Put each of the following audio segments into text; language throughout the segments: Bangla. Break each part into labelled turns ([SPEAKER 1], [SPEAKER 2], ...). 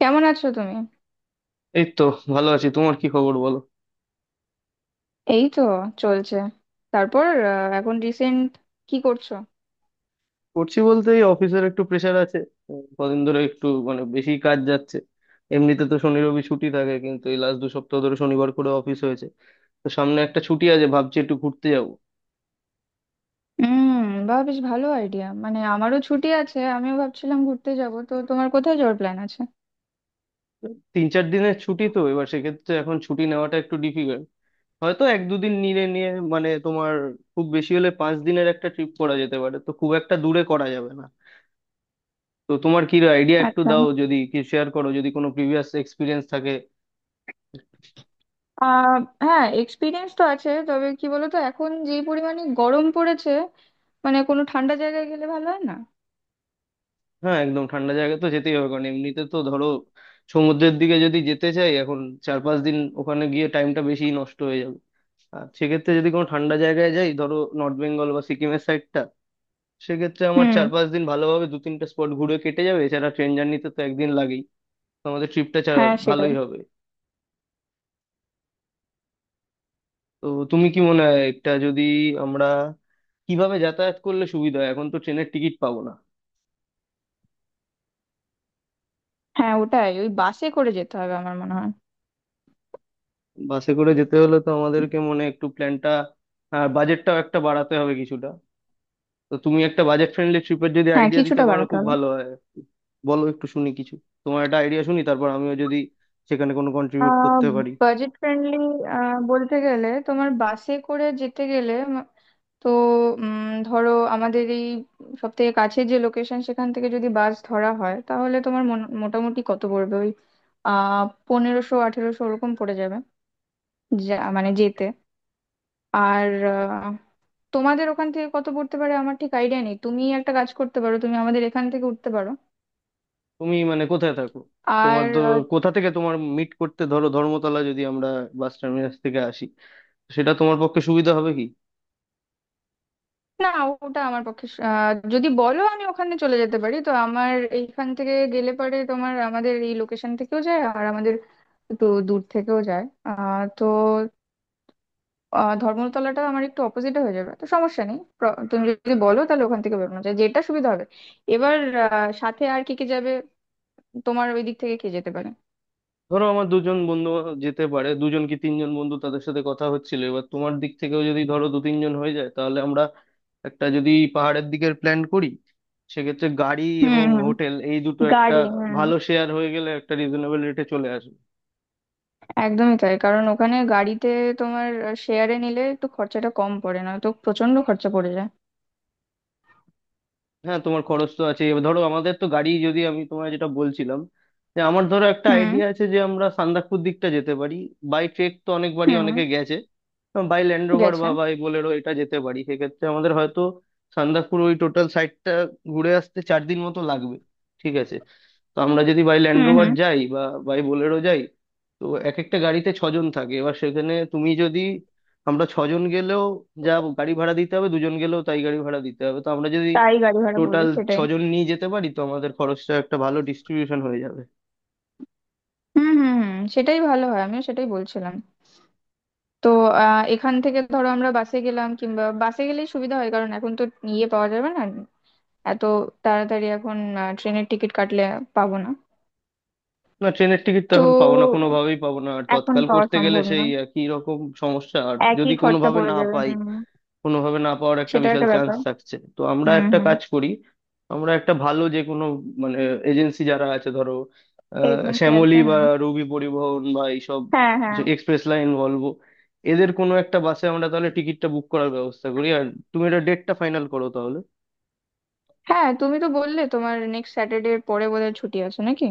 [SPEAKER 1] কেমন আছো তুমি?
[SPEAKER 2] এই তো ভালো আছি। তোমার কি খবর বলো?
[SPEAKER 1] এই তো চলছে। তারপর এখন রিসেন্ট কি করছো?
[SPEAKER 2] করছি বলতে, এই অফিসের একটু প্রেশার আছে। কদিন ধরে একটু মানে বেশি কাজ যাচ্ছে। এমনিতে তো শনি রবি ছুটি থাকে, কিন্তু এই লাস্ট দু সপ্তাহ ধরে শনিবার করে অফিস হয়েছে। তো সামনে একটা ছুটি আছে, ভাবছি একটু ঘুরতে যাব।
[SPEAKER 1] হুম। বা, বেশ ভালো আইডিয়া। মানে আমারও ছুটি আছে, আমিও ভাবছিলাম ঘুরতে যাব। তো তোমার কোথায় যাওয়ার প্ল্যান আছে?
[SPEAKER 2] তিন চার দিনের ছুটি তো এবার, সেক্ষেত্রে এখন ছুটি নেওয়াটা একটু ডিফিকাল্ট। হয়তো এক দুদিন নিয়ে নিয়ে মানে তোমার খুব বেশি হলে পাঁচ দিনের একটা ট্রিপ করা যেতে পারে, তো খুব একটা দূরে করা যাবে না। তো তোমার কি আইডিয়া একটু
[SPEAKER 1] আচ্ছা।
[SPEAKER 2] দাও, যদি কি শেয়ার করো যদি কোনো প্রিভিয়াস এক্সপিরিয়েন্স থাকে।
[SPEAKER 1] আহ হ্যাঁ, এক্সপিরিয়েন্স তো আছে। তবে কি বলতো, এখন যে পরিমাণে গরম পড়েছে, মানে কোনো ঠান্ডা জায়গায় গেলে ভালো হয় না?
[SPEAKER 2] হ্যাঁ একদম ঠান্ডা জায়গা তো যেতেই হবে, কারণ এমনিতে তো ধরো সমুদ্রের দিকে যদি যেতে চাই এখন, চার পাঁচ দিন ওখানে গিয়ে টাইমটা বেশি নষ্ট হয়ে যাবে। আর সেক্ষেত্রে যদি কোনো ঠান্ডা জায়গায় যাই, ধরো নর্থ বেঙ্গল বা সিকিমের সাইডটা, সেক্ষেত্রে আমার
[SPEAKER 1] হুম।
[SPEAKER 2] চার পাঁচ দিন ভালোভাবে দু তিনটা স্পট ঘুরে কেটে যাবে। এছাড়া ট্রেন জার্নিতে তো একদিন লাগেই। তো আমাদের ট্রিপটা
[SPEAKER 1] হ্যাঁ, সেটাই।
[SPEAKER 2] ভালোই হবে। তো তুমি কি মনে হয় এটা যদি আমরা কিভাবে যাতায়াত করলে সুবিধা হয়, এখন তো ট্রেনের টিকিট পাবো না।
[SPEAKER 1] হ্যাঁ, ওটাই, ওই বাসে করে যেতে হবে আমার মনে হয়।
[SPEAKER 2] বাসে করে যেতে হলে তো আমাদেরকে মনে হয় একটু প্ল্যানটা আর বাজেটটাও একটা বাড়াতে হবে কিছুটা। তো তুমি একটা বাজেট ফ্রেন্ডলি ট্রিপের যদি
[SPEAKER 1] হ্যাঁ,
[SPEAKER 2] আইডিয়া দিতে
[SPEAKER 1] কিছুটা
[SPEAKER 2] পারো
[SPEAKER 1] বাড়াতে
[SPEAKER 2] খুব
[SPEAKER 1] হবে।
[SPEAKER 2] ভালো হয়। বলো একটু শুনি কিছু, তোমার একটা আইডিয়া শুনি, তারপর আমিও যদি সেখানে কোনো কন্ট্রিবিউট
[SPEAKER 1] আহ
[SPEAKER 2] করতে পারি।
[SPEAKER 1] বাজেট ফ্রেন্ডলি বলতে গেলে, তোমার বাসে করে যেতে গেলে তো উম, ধরো, আমাদের এই সব থেকে কাছের যে লোকেশন সেখান থেকে যদি বাস ধরা হয় তাহলে তোমার মোটামুটি কত পড়বে ওই 1500 1800 ওরকম পড়ে যাবে, যা মানে যেতে। আর আহ, তোমাদের ওখান থেকে কত পড়তে পারে আমার ঠিক আইডিয়া নেই। তুমি একটা কাজ করতে পারো, তুমি আমাদের এখান থেকে উঠতে পারো।
[SPEAKER 2] তুমি মানে কোথায় থাকো? তোমার
[SPEAKER 1] আর
[SPEAKER 2] তো কোথা থেকে তোমার মিট করতে, ধরো ধর্মতলা যদি আমরা বাস টার্মিনাস থেকে আসি, সেটা তোমার পক্ষে সুবিধা হবে কি?
[SPEAKER 1] না, ওটা আমার পক্ষে যদি বলো আমি ওখানে চলে যেতে পারি, তো আমার এইখান থেকে গেলে পারে তোমার, আমাদের এই লোকেশন থেকেও যায়, আর আমাদের একটু দূর থেকেও যায়। তো ধর্মতলাটা আমার একটু অপোজিটে হয়ে যাবে, তো সমস্যা নেই। তুমি যদি বলো তাহলে ওখান থেকে বেরোনো যায়, যেটা সুবিধা হবে। এবার সাথে আর কে কে যাবে? তোমার ওই দিক থেকে কে যেতে পারে?
[SPEAKER 2] ধরো আমার দুজন বন্ধু যেতে পারে, দুজন কি তিনজন বন্ধু, তাদের সাথে কথা হচ্ছিল। এবার তোমার দিক থেকেও যদি ধরো দু তিনজন হয়ে যায়, তাহলে আমরা একটা যদি পাহাড়ের দিকের প্ল্যান করি, সেক্ষেত্রে গাড়ি
[SPEAKER 1] হুম
[SPEAKER 2] এবং
[SPEAKER 1] হুম।
[SPEAKER 2] হোটেল এই দুটো একটা
[SPEAKER 1] গাড়ি। হুম।
[SPEAKER 2] ভালো শেয়ার হয়ে গেলে একটা রিজনেবল রেটে চলে আসবে।
[SPEAKER 1] একদমই তাই। কারণ ওখানে গাড়িতে, তোমার, শেয়ারে নিলে একটু খরচাটা কম পড়ে, না তো প্রচন্ড খরচা পড়ে যায়।
[SPEAKER 2] হ্যাঁ তোমার খরচ তো আছে। এবার ধরো আমাদের তো গাড়ি, যদি আমি তোমায় যেটা বলছিলাম যে আমার ধরো একটা
[SPEAKER 1] হুম
[SPEAKER 2] আইডিয়া আছে যে আমরা সান্দাকফু দিকটা যেতে পারি। বাই ট্রেক তো অনেকবারই
[SPEAKER 1] হুম।
[SPEAKER 2] অনেকে গেছে। বাই ল্যান্ড রোভার
[SPEAKER 1] গেছে।
[SPEAKER 2] বা বাই বোলেরো এটা যেতে পারি। সেক্ষেত্রে আমাদের হয়তো সান্দাকফুর ওই টোটাল সাইটটা ঘুরে আসতে চার দিন মতো লাগবে। ঠিক আছে। তো আমরা যদি বাই ল্যান্ড
[SPEAKER 1] হুম
[SPEAKER 2] রোভার
[SPEAKER 1] হুম।
[SPEAKER 2] যাই বা বাই বোলেরো যাই, তো এক একটা গাড়িতে ছজন থাকে। এবার সেখানে তুমি যদি, আমরা ছজন গেলেও যা গাড়ি ভাড়া দিতে হবে, দুজন গেলেও তাই গাড়ি ভাড়া দিতে হবে। তো আমরা যদি
[SPEAKER 1] তাই গাড়ি ভাড়া পড়বে,
[SPEAKER 2] টোটাল
[SPEAKER 1] সেটাই।
[SPEAKER 2] ছজন নিয়ে যেতে পারি, তো আমাদের খরচটা একটা ভালো ডিস্ট্রিবিউশন হয়ে যাবে।
[SPEAKER 1] হুম হুম হুম। সেটাই ভালো হয়, আমিও সেটাই বলছিলাম। তো এখান থেকে ধরো আমরা বাসে গেলাম, কিংবা বাসে গেলেই সুবিধা হয়, কারণ এখন তো ইয়ে পাওয়া যাবে না এত তাড়াতাড়ি। এখন ট্রেনের টিকিট কাটলে পাবো না।
[SPEAKER 2] না ট্রেনের টিকিট তো
[SPEAKER 1] তো
[SPEAKER 2] এখন পাবো না, কোনোভাবেই পাবো না। আর
[SPEAKER 1] এখন
[SPEAKER 2] তৎকাল
[SPEAKER 1] পাওয়া
[SPEAKER 2] করতে গেলে
[SPEAKER 1] সম্ভব
[SPEAKER 2] সেই
[SPEAKER 1] নয়,
[SPEAKER 2] একই রকম সমস্যা। আর যদি
[SPEAKER 1] একই খরচা
[SPEAKER 2] কোনোভাবে
[SPEAKER 1] পড়ে
[SPEAKER 2] না
[SPEAKER 1] যাবে।
[SPEAKER 2] পাই,
[SPEAKER 1] হুম।
[SPEAKER 2] কোনোভাবে না পাওয়ার একটা
[SPEAKER 1] সেটা
[SPEAKER 2] বিশাল
[SPEAKER 1] একটা
[SPEAKER 2] চান্স
[SPEAKER 1] ব্যাপার।
[SPEAKER 2] থাকছে, তো আমরা
[SPEAKER 1] হুম
[SPEAKER 2] একটা
[SPEAKER 1] হুম।
[SPEAKER 2] কাজ করি। আমরা একটা ভালো যে কোনো মানে এজেন্সি যারা আছে, ধরো আহ
[SPEAKER 1] এজেন্সি
[SPEAKER 2] শ্যামলী
[SPEAKER 1] আছে।
[SPEAKER 2] বা
[SPEAKER 1] হুম।
[SPEAKER 2] রবি পরিবহন বা এইসব
[SPEAKER 1] হ্যাঁ
[SPEAKER 2] যে
[SPEAKER 1] হ্যাঁ।
[SPEAKER 2] এক্সপ্রেস লাইন ভলভো, এদের কোনো একটা বাসে আমরা তাহলে টিকিটটা বুক করার ব্যবস্থা করি। আর তুমি এটা ডেটটা ফাইনাল করো তাহলে।
[SPEAKER 1] হ্যাঁ, তুমি তো বললে তোমার নেক্সট স্যাটারডে এর পরে বোধহয় ছুটি আছে নাকি?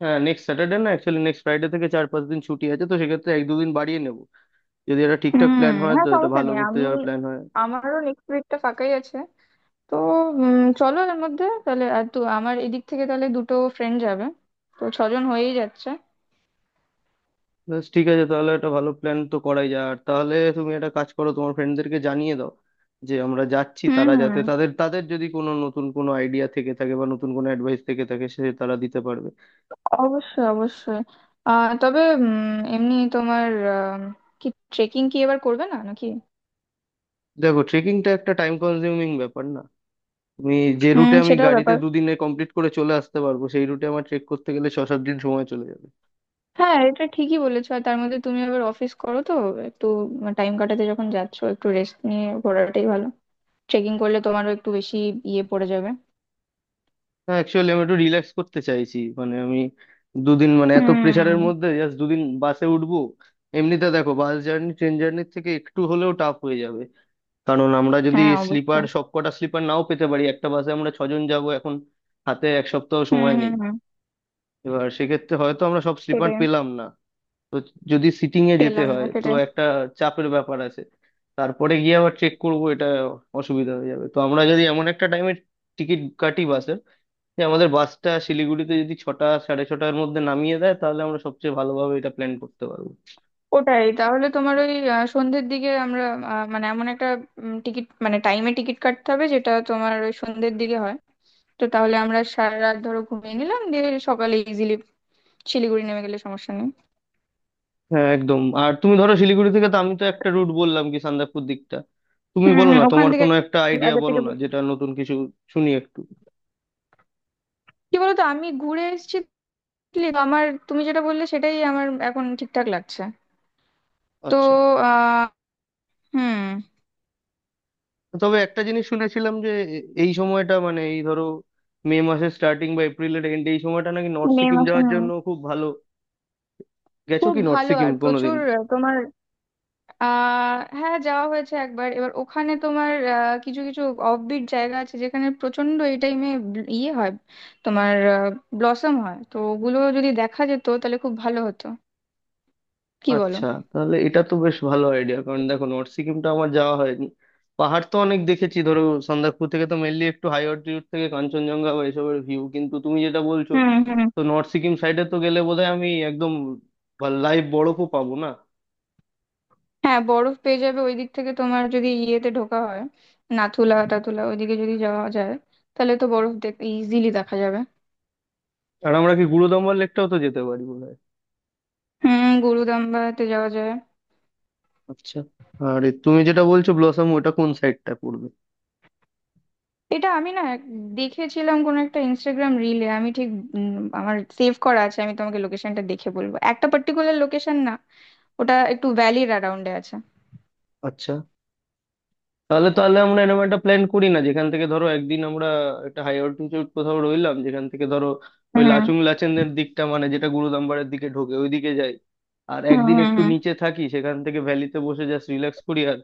[SPEAKER 2] হ্যাঁ নেক্সট স্যাটারডে না, অ্যাকচুয়ালি নেক্সট ফ্রাইডে থেকে চার পাঁচ দিন ছুটি আছে, তো সেক্ষেত্রে এক দুদিন বাড়িয়ে নেব। যদি এটা
[SPEAKER 1] হুম।
[SPEAKER 2] ঠিকঠাক প্ল্যান হয়
[SPEAKER 1] হ্যাঁ,
[SPEAKER 2] তো এটা
[SPEAKER 1] সমস্যা
[SPEAKER 2] ভালো
[SPEAKER 1] নেই,
[SPEAKER 2] ঘুরতে
[SPEAKER 1] আমি,
[SPEAKER 2] যাওয়ার প্ল্যান হয়।
[SPEAKER 1] আমারও নেক্সট উইকটা ফাঁকাই আছে। তো চলো এর মধ্যে তাহলে। আর তো আমার এদিক থেকে তাহলে দুটো ফ্রেন্ড যাবে, তো ছজন হয়েই যাচ্ছে।
[SPEAKER 2] বেশ ঠিক আছে, তাহলে একটা ভালো প্ল্যান তো করাই যায়। আর তাহলে তুমি একটা কাজ করো, তোমার ফ্রেন্ডদেরকে জানিয়ে দাও যে আমরা যাচ্ছি,
[SPEAKER 1] হুম
[SPEAKER 2] তারা
[SPEAKER 1] হুম।
[SPEAKER 2] যাতে তাদের তাদের যদি কোনো নতুন কোনো আইডিয়া থেকে থাকে বা নতুন কোনো অ্যাডভাইস থেকে থাকে সে তারা দিতে পারবে।
[SPEAKER 1] অবশ্যই অবশ্যই। তবে এমনি তোমার আম, কি, ট্রেকিং কি এবার করবে না নাকি?
[SPEAKER 2] দেখো ট্রেকিংটা একটা টাইম কনজিউমিং ব্যাপার না? তুমি যে
[SPEAKER 1] হুম,
[SPEAKER 2] রুটে আমি
[SPEAKER 1] সেটাও
[SPEAKER 2] গাড়িতে
[SPEAKER 1] ব্যাপার।
[SPEAKER 2] দুদিনে কমপ্লিট করে চলে আসতে পারবো, সেই রুটে আমার ট্রেক করতে গেলে ছ সাত দিন সময় চলে যাবে।
[SPEAKER 1] হ্যাঁ, এটা ঠিকই বলেছো। আর তার মধ্যে তুমি আবার অফিস করো, তো একটু টাইম কাটাতে যখন যাচ্ছো একটু রেস্ট নিয়ে ঘোরাটাই ভালো। ট্রেকিং করলে তোমারও একটু বেশি ইয়ে পড়ে যাবে।
[SPEAKER 2] না অ্যাকচুয়ালি আমি একটু রিল্যাক্স করতে চাইছি, মানে আমি দুদিন মানে এত
[SPEAKER 1] হুম।
[SPEAKER 2] প্রেশারের মধ্যে জাস্ট দুদিন বাসে উঠবো। এমনিতে দেখো বাস জার্নি ট্রেন জার্নির থেকে একটু হলেও টাফ হয়ে যাবে, কারণ আমরা যদি
[SPEAKER 1] হ্যাঁ
[SPEAKER 2] স্লিপার
[SPEAKER 1] অবশ্যই।
[SPEAKER 2] সব কটা স্লিপার নাও পেতে পারি। একটা বাসে আমরা ছজন যাব এখন, হাতে এক সপ্তাহ
[SPEAKER 1] হুম
[SPEAKER 2] সময়
[SPEAKER 1] হুম
[SPEAKER 2] নেই।
[SPEAKER 1] হুম,
[SPEAKER 2] এবার সেক্ষেত্রে হয়তো আমরা সব স্লিপার
[SPEAKER 1] সেটাই।
[SPEAKER 2] পেলাম না, তো যদি সিটিং এ যেতে
[SPEAKER 1] পেলাম না,
[SPEAKER 2] হয় তো
[SPEAKER 1] সেটাই।
[SPEAKER 2] একটা চাপের ব্যাপার আছে। তারপরে গিয়ে আবার চেক করব, এটা অসুবিধা হয়ে যাবে। তো আমরা যদি এমন একটা টাইমে টিকিট কাটি বাসের যে আমাদের বাসটা শিলিগুড়িতে যদি ছটা সাড়ে ছটার মধ্যে নামিয়ে দেয়, তাহলে আমরা সবচেয়ে ভালোভাবে এটা প্ল্যান করতে পারবো।
[SPEAKER 1] ওটাই তাহলে, তোমার ওই সন্ধ্যের দিকে আমরা মানে এমন একটা টিকিট, মানে টাইমে টিকিট কাটতে হবে যেটা তোমার ওই সন্ধ্যের দিকে হয়। তো তাহলে আমরা সারা রাত ধরো ঘুমিয়ে নিলাম, দিয়ে সকালে ইজিলি শিলিগুড়ি নেমে গেলে সমস্যা নেই।
[SPEAKER 2] হ্যাঁ একদম। আর তুমি ধরো শিলিগুড়ি থেকে, তো আমি তো একটা রুট বললাম কি সান্দাকফু দিকটা, তুমি
[SPEAKER 1] হুম
[SPEAKER 2] বলো
[SPEAKER 1] হুম।
[SPEAKER 2] না
[SPEAKER 1] ওখান
[SPEAKER 2] তোমার
[SPEAKER 1] থেকে
[SPEAKER 2] কোনো একটা আইডিয়া
[SPEAKER 1] আগে
[SPEAKER 2] বলো
[SPEAKER 1] থেকে
[SPEAKER 2] না যেটা নতুন কিছু, শুনি একটু।
[SPEAKER 1] কি বলতো, আমি ঘুরে এসেছি। তো আমার, তুমি যেটা বললে সেটাই আমার এখন ঠিকঠাক লাগছে। তো
[SPEAKER 2] আচ্ছা।
[SPEAKER 1] আহ হুম।
[SPEAKER 2] তবে একটা জিনিস শুনেছিলাম যে এই সময়টা মানে এই ধরো মে মাসের স্টার্টিং বা এপ্রিলের এন্ড এই সময়টা নাকি নর্থ
[SPEAKER 1] মে
[SPEAKER 2] সিকিম
[SPEAKER 1] মাসে।
[SPEAKER 2] যাওয়ার
[SPEAKER 1] হুম।
[SPEAKER 2] জন্য খুব ভালো। গেছো
[SPEAKER 1] খুব
[SPEAKER 2] কি নর্থ
[SPEAKER 1] ভালো,
[SPEAKER 2] সিকিম
[SPEAKER 1] আর
[SPEAKER 2] কোনোদিন?
[SPEAKER 1] প্রচুর তোমার হ্যাঁ, যাওয়া হয়েছে একবার। এবার ওখানে তোমার কিছু কিছু অফবিট জায়গা আছে যেখানে প্রচন্ড এই টাইমে ইয়ে হয়, তোমার, ব্লসম হয়, তো ওগুলো যদি দেখা যেত তাহলে খুব ভালো হতো। কি বলো?
[SPEAKER 2] আচ্ছা তাহলে এটা তো বেশ ভালো আইডিয়া, কারণ দেখো নর্থ সিকিমটা আমার যাওয়া হয়নি। পাহাড় তো অনেক দেখেছি, ধরো সন্দাকফু থেকে তো মেনলি একটু হাই অল্টিটিউড থেকে কাঞ্চনজঙ্ঘা বা এসবের ভিউ, কিন্তু তুমি যেটা বলছো
[SPEAKER 1] হুম হুম।
[SPEAKER 2] তো নর্থ সিকিম সাইডে তো গেলে বোধহয় আমি একদম লাইভ বরফও পাবো না।
[SPEAKER 1] হ্যাঁ, বরফ পেয়ে যাবে ওই দিক থেকে, তোমার যদি ইয়েতে ঢোকা হয়, নাথুলা টাথুলা ওইদিকে যদি যাওয়া যায় তাহলে তো বরফ দেখ ইজিলি দেখা যাবে।
[SPEAKER 2] আর আমরা কি গুরুদম্বার লেকটাও তো যেতে পারি বোধহয়?
[SPEAKER 1] হুম, গুরুদাম্বাতে যাওয়া যায়।
[SPEAKER 2] আচ্ছা। আর এ তুমি যেটা বলছো ব্লসম, ওটা কোন সাইডটা পড়বে?
[SPEAKER 1] এটা আমি না, দেখেছিলাম কোন একটা ইনস্টাগ্রাম রিলে, আমি ঠিক উম, আমার সেভ করা আছে। আমি তোমাকে লোকেশনটা দেখে বলবো, একটা পার্টিকুলার লোকেশন না, ওটা একটু ভ্যালির অ্যারাউন্ডে আছে।
[SPEAKER 2] আচ্ছা তাহলে তাহলে আমরা এরকম একটা প্ল্যান করি না, যেখান থেকে ধরো একদিন আমরা একটা হাই অল্টিটিউড কোথাও রইলাম, যেখান থেকে ধরো ওই
[SPEAKER 1] হুম
[SPEAKER 2] লাচুং লাচেনের দিকটা মানে যেটা গুরুদাম্বারের দিকে ঢোকে ওইদিকে যাই। আর
[SPEAKER 1] হুম
[SPEAKER 2] একদিন
[SPEAKER 1] হুম
[SPEAKER 2] একটু
[SPEAKER 1] হুম।
[SPEAKER 2] নিচে থাকি, সেখান থেকে ভ্যালিতে বসে জাস্ট রিল্যাক্স করি। আর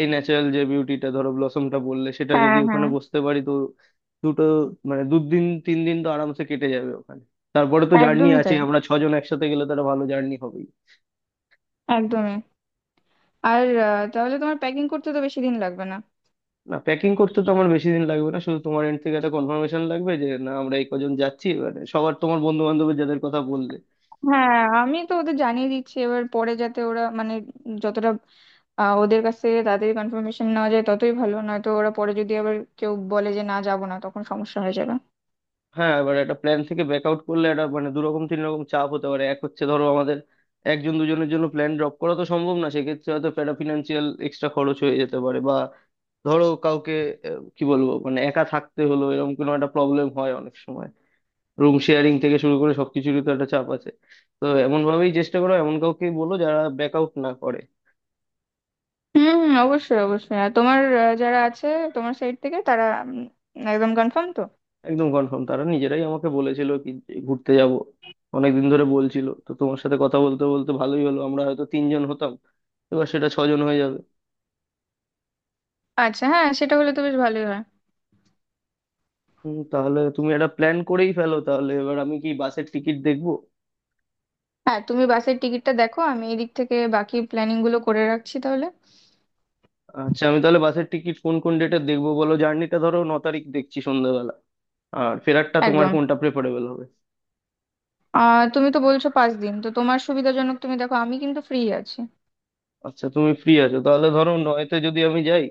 [SPEAKER 2] এই ন্যাচারাল যে বিউটিটা ধরো ব্লসমটা বললে সেটা যদি
[SPEAKER 1] হ্যাঁ
[SPEAKER 2] ওখানে
[SPEAKER 1] হ্যাঁ।
[SPEAKER 2] বসতে পারি তো দুটো মানে দুদিন তিন দিন তো আরামসে কেটে যাবে ওখানে। তারপরে তো জার্নি
[SPEAKER 1] একদমই
[SPEAKER 2] আছে,
[SPEAKER 1] তাই,
[SPEAKER 2] আমরা ছজন একসাথে গেলে তো একটা ভালো জার্নি হবে।
[SPEAKER 1] একদমই। আর তাহলে তোমার প্যাকিং করতে তো বেশি দিন লাগবে না।
[SPEAKER 2] না প্যাকিং করতে তো আমার বেশি দিন লাগবে না, শুধু তোমার এন্ড থেকে একটা কনফার্মেশন লাগবে যে না আমরা এই কজন যাচ্ছি মানে সবার, তোমার বন্ধু বান্ধবের যাদের কথা বললে।
[SPEAKER 1] হ্যাঁ, আমি তো ওদের জানিয়ে দিচ্ছি। এবার পরে যাতে ওরা মানে, যতটা ওদের কাছ থেকে তাড়াতাড়ি কনফার্মেশন নেওয়া যায় ততই ভালো, নয়তো ওরা পরে যদি আবার কেউ বলে যে না যাবো না, তখন সমস্যা হয়ে যাবে।
[SPEAKER 2] হ্যাঁ এবার একটা প্ল্যান থেকে ব্যাক আউট করলে একটা মানে দু রকম তিন রকম চাপ হতে পারে। এক হচ্ছে ধরো আমাদের একজন দুজনের জন্য প্ল্যান ড্রপ করা তো সম্ভব না, সেক্ষেত্রে হয়তো একটা ফিনান্সিয়াল এক্সট্রা খরচ হয়ে যেতে পারে। বা ধরো কাউকে কি বলবো মানে একা থাকতে হলো এরকম কোনো একটা প্রবলেম হয় অনেক সময়। রুম শেয়ারিং থেকে শুরু করে সবকিছুরই তো একটা চাপ আছে। তো এমন ভাবেই চেষ্টা করো, এমন কাউকে বলো যারা ব্যাক আউট না করে।
[SPEAKER 1] হুম হুম। অবশ্যই অবশ্যই। আর তোমার যারা আছে তোমার সাইড থেকে, তারা একদম কনফার্ম তো?
[SPEAKER 2] একদম কনফার্ম, তারা নিজেরাই আমাকে বলেছিল কি যে ঘুরতে যাব, অনেকদিন ধরে বলছিল। তো তোমার সাথে কথা বলতে বলতে ভালোই হলো, আমরা হয়তো তিনজন হতাম এবার সেটা ছজন হয়ে যাবে।
[SPEAKER 1] আচ্ছা। হ্যাঁ, সেটা হলে তো বেশ ভালোই হয়।
[SPEAKER 2] তাহলে তুমি একটা প্ল্যান করেই ফেলো তাহলে এবার, আমি কি বাসের টিকিট দেখবো?
[SPEAKER 1] হ্যাঁ, তুমি বাসের টিকিটটা দেখো, আমি এদিক থেকে বাকি প্ল্যানিং গুলো করে রাখছি তাহলে।
[SPEAKER 2] আচ্ছা আমি তাহলে বাসের টিকিট কোন কোন ডেটে দেখবো বলো, জার্নিটা ধরো ন তারিখ দেখছি সন্ধ্যাবেলা। আর ফেরারটা তোমার
[SPEAKER 1] একদম।
[SPEAKER 2] কোনটা প্রেফারেবল হবে?
[SPEAKER 1] তুমি তো বলছো 5 দিন, তো তোমার সুবিধাজনক তুমি দেখো, আমি কিন্তু ফ্রি আছি।
[SPEAKER 2] আচ্ছা তুমি ফ্রি আছো তাহলে, ধরো নয়তে যদি আমি যাই,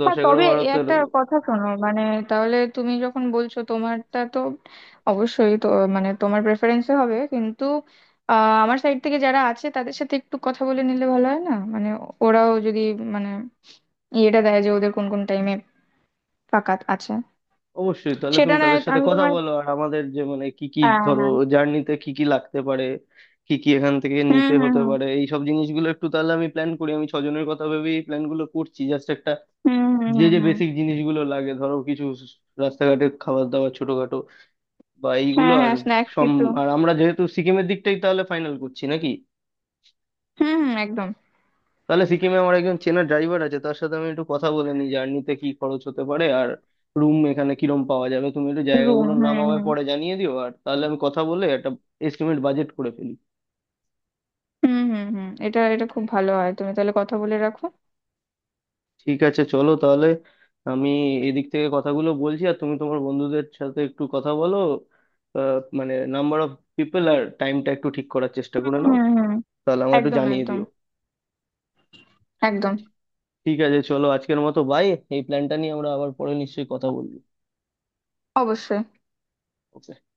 [SPEAKER 2] দশ
[SPEAKER 1] হ্যাঁ,
[SPEAKER 2] এগারো
[SPEAKER 1] তবে এ
[SPEAKER 2] বারোতে।
[SPEAKER 1] একটা কথা শোনো, মানে তাহলে তুমি যখন বলছো, তোমারটা তো অবশ্যই তো, মানে তোমার প্রেফারেন্সে হবে। কিন্তু আমার সাইড থেকে যারা আছে তাদের সাথে একটু কথা বলে নিলে ভালো হয় না, মানে ওরাও যদি মানে ইয়েটা দেয় যে ওদের কোন কোন টাইমে ফাঁকা আছে।
[SPEAKER 2] অবশ্যই তাহলে
[SPEAKER 1] সেটা
[SPEAKER 2] তুমি
[SPEAKER 1] না,
[SPEAKER 2] তাদের সাথে
[SPEAKER 1] আমি
[SPEAKER 2] কথা
[SPEAKER 1] তোমার।
[SPEAKER 2] বলো, আর আমাদের যে মানে কি কি
[SPEAKER 1] হ্যাঁ
[SPEAKER 2] ধরো
[SPEAKER 1] হ্যাঁ।
[SPEAKER 2] জার্নিতে কি কি লাগতে পারে, কি কি এখান থেকে
[SPEAKER 1] হুম
[SPEAKER 2] নিতে হতে
[SPEAKER 1] হুম
[SPEAKER 2] পারে এই সব জিনিসগুলো একটু তাহলে আমি প্ল্যান করি। আমি ছজনের কথা ভেবেই প্ল্যান গুলো করছি জাস্ট একটা
[SPEAKER 1] হুম হুম হুম।
[SPEAKER 2] যে
[SPEAKER 1] হুম
[SPEAKER 2] যে
[SPEAKER 1] হুম।
[SPEAKER 2] বেসিক জিনিসগুলো লাগে, ধরো কিছু রাস্তাঘাটে খাবার দাবার ছোটখাটো বা এইগুলো।
[SPEAKER 1] হ্যাঁ
[SPEAKER 2] আর
[SPEAKER 1] হ্যাঁ। স্ন্যাক্স
[SPEAKER 2] সম
[SPEAKER 1] কিছু।
[SPEAKER 2] আর আমরা যেহেতু সিকিমের দিকটাই তাহলে ফাইনাল করছি নাকি?
[SPEAKER 1] হুম হুম। একদম।
[SPEAKER 2] তাহলে সিকিমে আমার একজন চেনা ড্রাইভার আছে, তার সাথে আমি একটু কথা বলে নিই জার্নিতে কি খরচ হতে পারে আর রুম এখানে কিরম পাওয়া যাবে। তুমি একটু
[SPEAKER 1] রুম।
[SPEAKER 2] জায়গাগুলোর নাম
[SPEAKER 1] হুম
[SPEAKER 2] আমায়
[SPEAKER 1] হুম
[SPEAKER 2] পরে জানিয়ে দিও, আর তাহলে আমি কথা বলে একটা এস্টিমেট বাজেট করে ফেলি।
[SPEAKER 1] হুম হুম হুম। এটা এটা খুব ভালো হয়, তুমি তাহলে কথা বলে রাখো।
[SPEAKER 2] ঠিক আছে চলো তাহলে, আমি এদিক থেকে কথাগুলো বলছি আর তুমি তোমার বন্ধুদের সাথে একটু কথা বলো। মানে নাম্বার অফ পিপল আর টাইমটা একটু ঠিক করার চেষ্টা
[SPEAKER 1] হুম
[SPEAKER 2] করে
[SPEAKER 1] হুম
[SPEAKER 2] নাও,
[SPEAKER 1] হুম।
[SPEAKER 2] তাহলে আমায় একটু
[SPEAKER 1] একদম
[SPEAKER 2] জানিয়ে
[SPEAKER 1] একদম
[SPEAKER 2] দিও।
[SPEAKER 1] একদম।
[SPEAKER 2] ঠিক আছে চলো আজকের মতো বাই, এই প্ল্যানটা নিয়ে আমরা আবার পরে নিশ্চয়ই কথা বলবো।
[SPEAKER 1] অবশ্যই।
[SPEAKER 2] Okay।